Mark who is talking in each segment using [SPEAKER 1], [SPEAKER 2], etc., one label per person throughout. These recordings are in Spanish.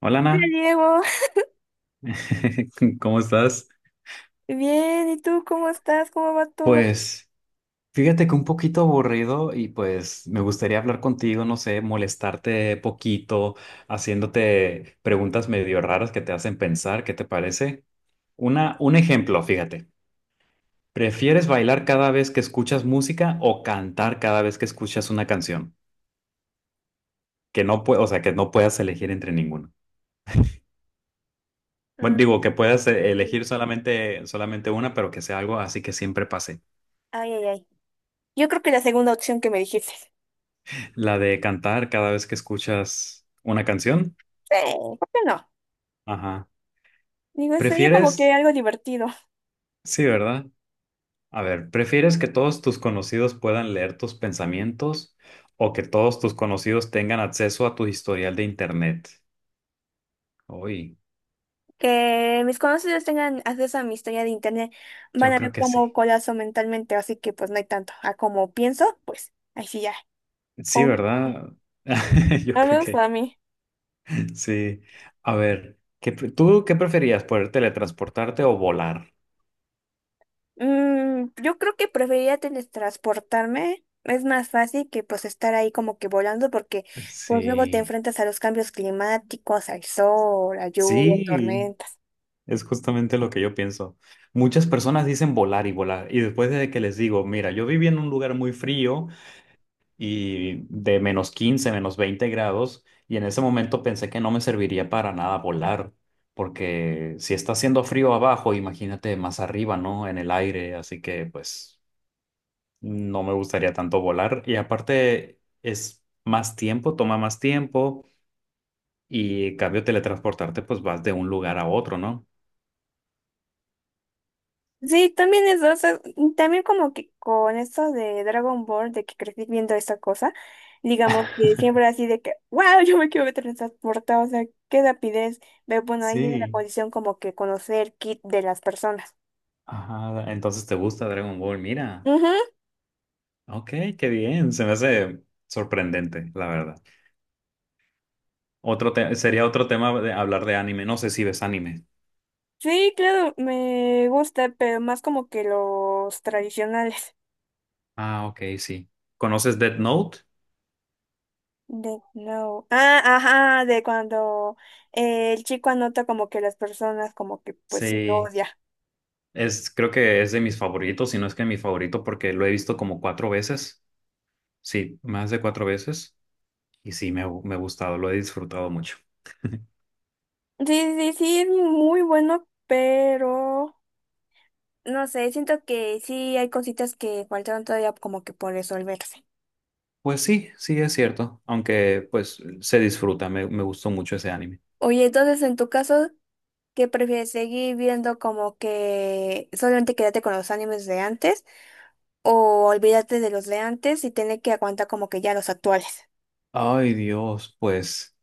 [SPEAKER 1] Hola
[SPEAKER 2] Hola,
[SPEAKER 1] Ana,
[SPEAKER 2] Diego,
[SPEAKER 1] ¿cómo estás?
[SPEAKER 2] bien, ¿y tú cómo estás? ¿Cómo va todo?
[SPEAKER 1] Pues fíjate que un poquito aburrido y pues me gustaría hablar contigo, no sé, molestarte poquito, haciéndote preguntas medio raras que te hacen pensar, ¿qué te parece? Una, un ejemplo, fíjate. ¿Prefieres bailar cada vez que escuchas música o cantar cada vez que escuchas una canción? Que no pue- o sea, que no puedas elegir entre ninguno. Bueno,
[SPEAKER 2] Mm.
[SPEAKER 1] digo, que puedas elegir solamente una, pero que sea algo así que siempre pase.
[SPEAKER 2] Ay, ay, ay. Yo creo que la segunda opción que me dijiste. Sí,
[SPEAKER 1] La de cantar cada vez que escuchas una canción.
[SPEAKER 2] ¿por qué no?
[SPEAKER 1] Ajá.
[SPEAKER 2] Digo, sería como que
[SPEAKER 1] ¿Prefieres?
[SPEAKER 2] algo divertido.
[SPEAKER 1] Sí, ¿verdad? A ver, ¿prefieres que todos tus conocidos puedan leer tus pensamientos o que todos tus conocidos tengan acceso a tu historial de internet? Uy,
[SPEAKER 2] Que mis conocidos tengan acceso a mi historia de internet, van
[SPEAKER 1] yo
[SPEAKER 2] a
[SPEAKER 1] creo
[SPEAKER 2] ver
[SPEAKER 1] que sí.
[SPEAKER 2] cómo colapso mentalmente, así que pues no hay tanto. A como pienso, pues ahí sí ya.
[SPEAKER 1] Sí,
[SPEAKER 2] Oh,
[SPEAKER 1] ¿verdad? Yo
[SPEAKER 2] al
[SPEAKER 1] creo
[SPEAKER 2] menos para
[SPEAKER 1] que
[SPEAKER 2] mí.
[SPEAKER 1] sí. A ver, ¿tú qué preferías? ¿Poder teletransportarte o volar?
[SPEAKER 2] Mm, yo creo que preferiría teletransportarme. Es más fácil que pues estar ahí como que volando porque pues luego te
[SPEAKER 1] Sí.
[SPEAKER 2] enfrentas a los cambios climáticos, al sol, a lluvia,
[SPEAKER 1] Sí.
[SPEAKER 2] tormentas.
[SPEAKER 1] Es justamente lo que yo pienso. Muchas personas dicen volar y volar, y después de que les digo, mira, yo viví en un lugar muy frío y de -15 -20 grados, y en ese momento pensé que no me serviría para nada volar, porque si está haciendo frío abajo, imagínate más arriba, ¿no? En el aire, así que pues no me gustaría tanto volar, y aparte es más tiempo, toma más tiempo, y en cambio teletransportarte, pues vas de un lugar a otro, ¿no?
[SPEAKER 2] Sí, también eso, o sea, y también como que con eso de Dragon Ball, de que crecí viendo esa cosa, digamos que siempre así de que, wow, yo me quiero teletransportar, o sea, qué rapidez. Pero bueno, ahí en la
[SPEAKER 1] Sí.
[SPEAKER 2] posición como que conocer kit de las personas.
[SPEAKER 1] Ajá, entonces te gusta Dragon Ball, mira. Ok, qué bien, se me hace sorprendente, la verdad. Sería otro tema de hablar de anime, no sé si ves anime.
[SPEAKER 2] Sí, claro, me gusta, pero más como que los tradicionales.
[SPEAKER 1] Ah, ok, sí. ¿Conoces Death Note?
[SPEAKER 2] De no. Ah, ajá, de cuando el chico anota como que las personas como que pues sí
[SPEAKER 1] Sí,
[SPEAKER 2] odia.
[SPEAKER 1] creo que es de mis favoritos, si no es que mi favorito, porque lo he visto como cuatro veces, sí, más de cuatro veces, y sí, me ha gustado, lo he disfrutado mucho.
[SPEAKER 2] Sí, sí, sí, es muy bueno, pero no sé, siento que sí hay cositas que faltaron todavía como que por resolverse.
[SPEAKER 1] Pues sí, sí, es cierto, aunque pues se disfruta, me gustó mucho ese anime.
[SPEAKER 2] Oye, entonces en tu caso, ¿qué prefieres seguir viendo como que solamente quédate con los animes de antes, o olvídate de los de antes y tener que aguantar como que ya los actuales?
[SPEAKER 1] Ay, Dios, pues.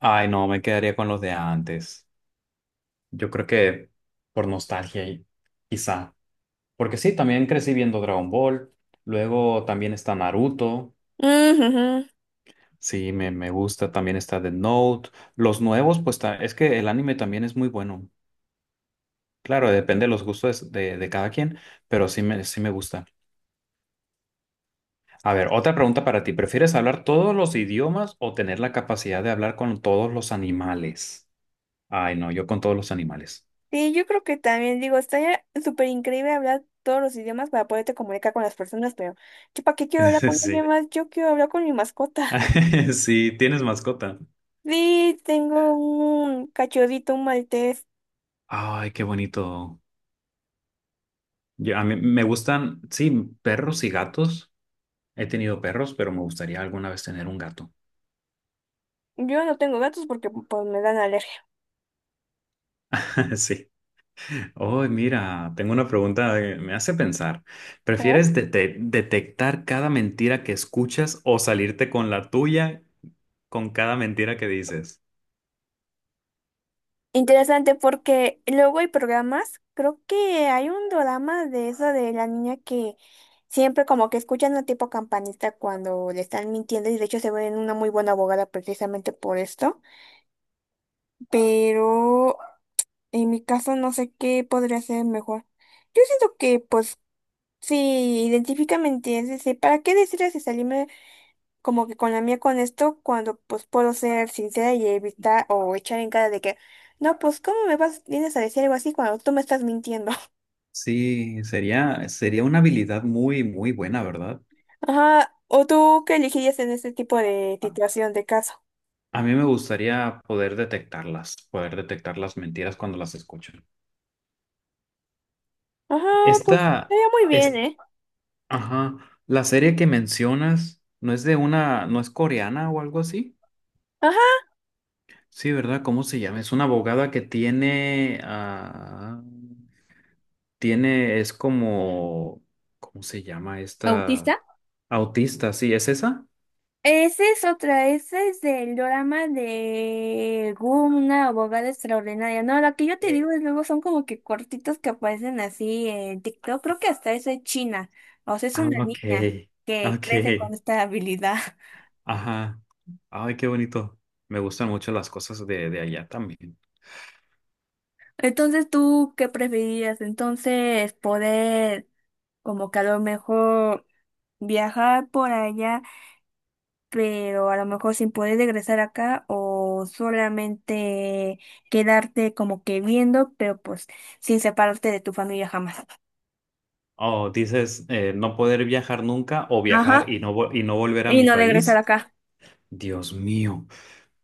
[SPEAKER 1] Ay, no, me quedaría con los de antes. Yo creo que por nostalgia, quizá. Porque sí, también crecí viendo Dragon Ball. Luego también está Naruto.
[SPEAKER 2] Ujujú.
[SPEAKER 1] Sí, me gusta. También está The Note. Los nuevos, pues ta- Es que el anime también es muy bueno. Claro, depende de los gustos de cada quien, pero sí me gusta. A ver, otra pregunta para ti. ¿Prefieres hablar todos los idiomas o tener la capacidad de hablar con todos los animales? Ay, no, yo con todos los animales.
[SPEAKER 2] Sí, yo creo que también digo, estaría súper increíble hablar todos los idiomas para poderte comunicar con las personas, pero yo para qué quiero hablar con alguien
[SPEAKER 1] Sí.
[SPEAKER 2] más, yo quiero hablar con mi mascota.
[SPEAKER 1] Sí, tienes mascota.
[SPEAKER 2] Sí, tengo un cachorrito, un maltés.
[SPEAKER 1] Ay, qué bonito. A mí me gustan, sí, perros y gatos. He tenido perros, pero me gustaría alguna vez tener un gato.
[SPEAKER 2] Yo no tengo gatos porque pues me dan alergia.
[SPEAKER 1] Sí. Oh, mira, tengo una pregunta que me hace pensar. ¿Detectar cada mentira que escuchas o salirte con la tuya con cada mentira que dices?
[SPEAKER 2] Interesante porque luego hay programas, creo que hay un drama de eso de la niña que siempre como que escuchan a tipo campanista cuando le están mintiendo y de hecho se ven una muy buena abogada precisamente por esto, pero en mi caso no sé qué podría ser mejor. Yo siento que pues si identifica mentiras, ¿para qué decirles si salí como que con la mía con esto, cuando pues puedo ser sincera y evitar o echar en cara de que, no, pues ¿cómo me vas, vienes a decir algo así cuando tú me estás mintiendo?
[SPEAKER 1] Sí, sería, sería una habilidad muy, muy buena, ¿verdad?
[SPEAKER 2] Ajá, ¿o tú qué elegirías en este tipo de
[SPEAKER 1] A
[SPEAKER 2] situación de caso?
[SPEAKER 1] a mí me gustaría poder detectarlas, poder detectar las mentiras cuando las escucho.
[SPEAKER 2] Ajá, pues
[SPEAKER 1] Esta
[SPEAKER 2] sería muy bien,
[SPEAKER 1] es,
[SPEAKER 2] ¿eh?
[SPEAKER 1] ajá, la serie que mencionas no es de una, no es coreana o algo así.
[SPEAKER 2] Ajá.
[SPEAKER 1] Sí, ¿verdad? ¿Cómo se llama? Es una abogada que tiene, ah, tiene, es como, ¿cómo se llama esta?
[SPEAKER 2] ¿Autista?
[SPEAKER 1] Autista, sí, ¿es esa?
[SPEAKER 2] Esa es otra, ese es del drama de Goom, una abogada extraordinaria. No, la que yo te
[SPEAKER 1] Eh,
[SPEAKER 2] digo es luego son como que cortitos que aparecen así en TikTok. Creo que hasta es de China. O sea, es
[SPEAKER 1] ah,
[SPEAKER 2] una niña que
[SPEAKER 1] ok,
[SPEAKER 2] crece con esta habilidad.
[SPEAKER 1] ajá. Ay, qué bonito. Me gustan mucho las cosas de allá también.
[SPEAKER 2] Entonces, ¿tú qué preferirías? Entonces, poder como que a lo mejor viajar por allá, pero a lo mejor sin poder regresar acá, o solamente quedarte como que viendo, pero pues sin separarte de tu familia jamás.
[SPEAKER 1] Oh, dices, no poder viajar nunca o viajar
[SPEAKER 2] Ajá,
[SPEAKER 1] y no volver a
[SPEAKER 2] y
[SPEAKER 1] mi
[SPEAKER 2] no regresar
[SPEAKER 1] país.
[SPEAKER 2] acá.
[SPEAKER 1] Dios mío,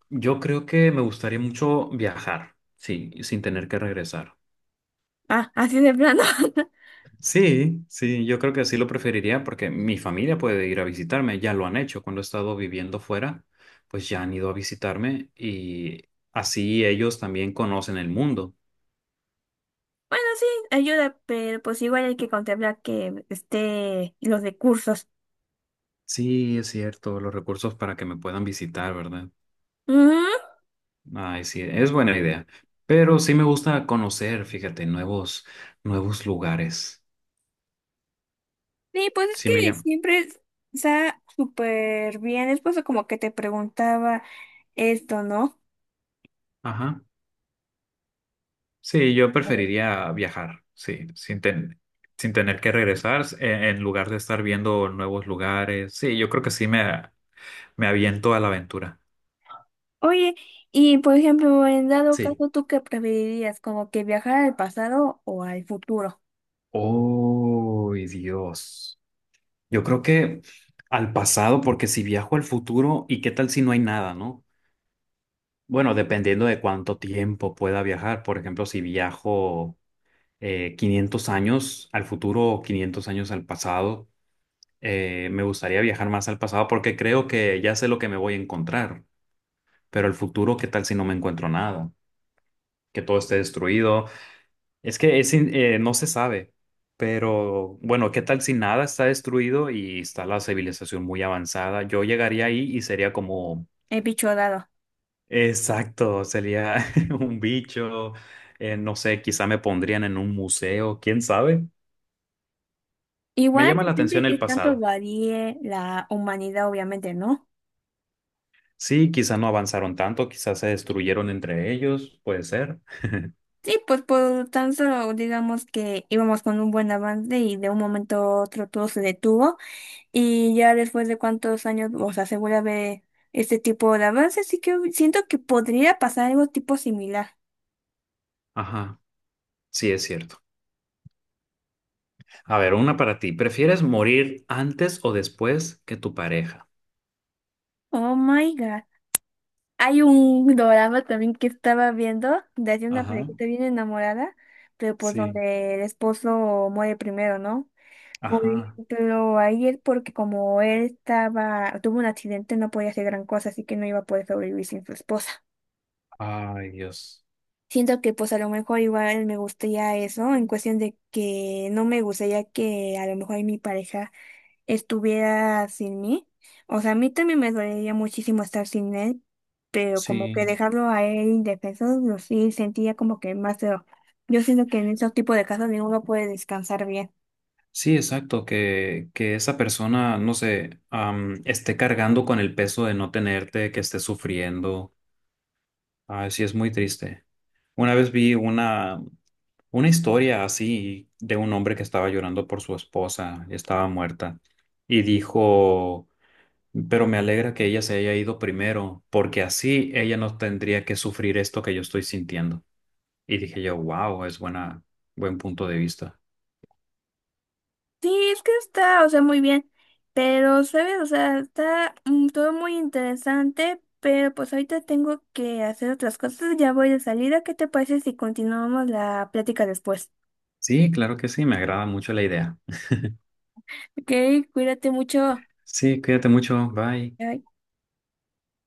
[SPEAKER 1] yo creo que me gustaría mucho viajar, sí, sin tener que regresar.
[SPEAKER 2] Ah, así de plano.
[SPEAKER 1] Sí, sí, yo creo que así lo preferiría porque mi familia puede ir a visitarme, ya lo han hecho cuando he estado viviendo fuera, pues ya han ido a visitarme y así ellos también conocen el mundo.
[SPEAKER 2] Bueno, sí, ayuda, pero pues igual hay que contemplar que esté los recursos.
[SPEAKER 1] Sí, es cierto, los recursos para que me puedan visitar, ¿verdad?
[SPEAKER 2] Ujú.
[SPEAKER 1] Ay, sí, es buena idea, pero sí me gusta conocer, fíjate, nuevos, nuevos lugares.
[SPEAKER 2] Sí, pues es
[SPEAKER 1] Sí
[SPEAKER 2] que
[SPEAKER 1] me llama.
[SPEAKER 2] siempre está súper bien. Es por eso como que te preguntaba esto, ¿no?
[SPEAKER 1] Ajá. Sí, yo preferiría viajar, sí, sin tener que regresar, en lugar de estar viendo nuevos lugares. Sí, yo creo que me aviento a la aventura.
[SPEAKER 2] Oye, y por ejemplo, en dado
[SPEAKER 1] Sí.
[SPEAKER 2] caso, ¿tú qué preferirías? ¿Como que viajar al pasado o al futuro?
[SPEAKER 1] ¡Oh, Dios! Yo creo que al pasado, porque si viajo al futuro, ¿y qué tal si no hay nada, no? Bueno, dependiendo de cuánto tiempo pueda viajar. Por ejemplo, si viajo 500 años al futuro o 500 años al pasado, me gustaría viajar más al pasado porque creo que ya sé lo que me voy a encontrar, pero el futuro, ¿qué tal si no me encuentro nada? Que todo esté destruido. Es que es in- No se sabe, pero bueno, ¿qué tal si nada está destruido y está la civilización muy avanzada? Yo llegaría ahí y sería como,
[SPEAKER 2] El bicho dado.
[SPEAKER 1] exacto, sería un bicho, no sé, quizá me pondrían en un museo, quién sabe. Me
[SPEAKER 2] Igual
[SPEAKER 1] llama la
[SPEAKER 2] depende de
[SPEAKER 1] atención
[SPEAKER 2] qué
[SPEAKER 1] el
[SPEAKER 2] tanto
[SPEAKER 1] pasado.
[SPEAKER 2] varíe la humanidad, obviamente, ¿no?
[SPEAKER 1] Sí, quizá no avanzaron tanto, quizás se destruyeron entre ellos, puede ser.
[SPEAKER 2] Sí, pues por tan solo digamos que íbamos con un buen avance y de un momento a otro todo se detuvo y ya después de cuántos años o sea, se vuelve a ver este tipo de avance, sí que siento que podría pasar algo tipo similar.
[SPEAKER 1] Ajá, sí es cierto. A ver, una para ti. ¿Prefieres morir antes o después que tu pareja?
[SPEAKER 2] Oh my God. Hay un drama también que estaba viendo de hace una
[SPEAKER 1] Ajá,
[SPEAKER 2] parejita bien enamorada, pero pues
[SPEAKER 1] sí.
[SPEAKER 2] donde el esposo muere primero, ¿no? Por
[SPEAKER 1] Ajá.
[SPEAKER 2] ejemplo, ahí es porque como él estaba, tuvo un accidente, no podía hacer gran cosa, así que no iba a poder sobrevivir sin su esposa.
[SPEAKER 1] Ay, Dios.
[SPEAKER 2] Siento que pues a lo mejor igual me gustaría eso, en cuestión de que no me gustaría que a lo mejor mi pareja estuviera sin mí. O sea, a mí también me dolería muchísimo estar sin él, pero como
[SPEAKER 1] Sí,
[SPEAKER 2] que dejarlo a él indefenso, lo sí sentía como que más feo. Yo siento que en esos tipos de casos ninguno puede descansar bien.
[SPEAKER 1] sí, exacto. Que esa persona, no sé, esté cargando con el peso de no tenerte, que esté sufriendo. Ay, sí, es muy triste. Una vez vi una historia así de un hombre que estaba llorando por su esposa, estaba muerta, y dijo. Pero me alegra que ella se haya ido primero, porque así ella no tendría que sufrir esto que yo estoy sintiendo. Y dije yo, wow, es buena, buen punto de vista.
[SPEAKER 2] Sí, es que está, o sea, muy bien. Pero, ¿sabes? O sea, está todo muy interesante, pero pues ahorita tengo que hacer otras cosas. Ya voy de salida. ¿Qué te parece si continuamos la plática después?
[SPEAKER 1] Sí, claro que sí, me agrada mucho la idea.
[SPEAKER 2] Ok, cuídate mucho.
[SPEAKER 1] Sí, cuídate mucho, bye.
[SPEAKER 2] Bye.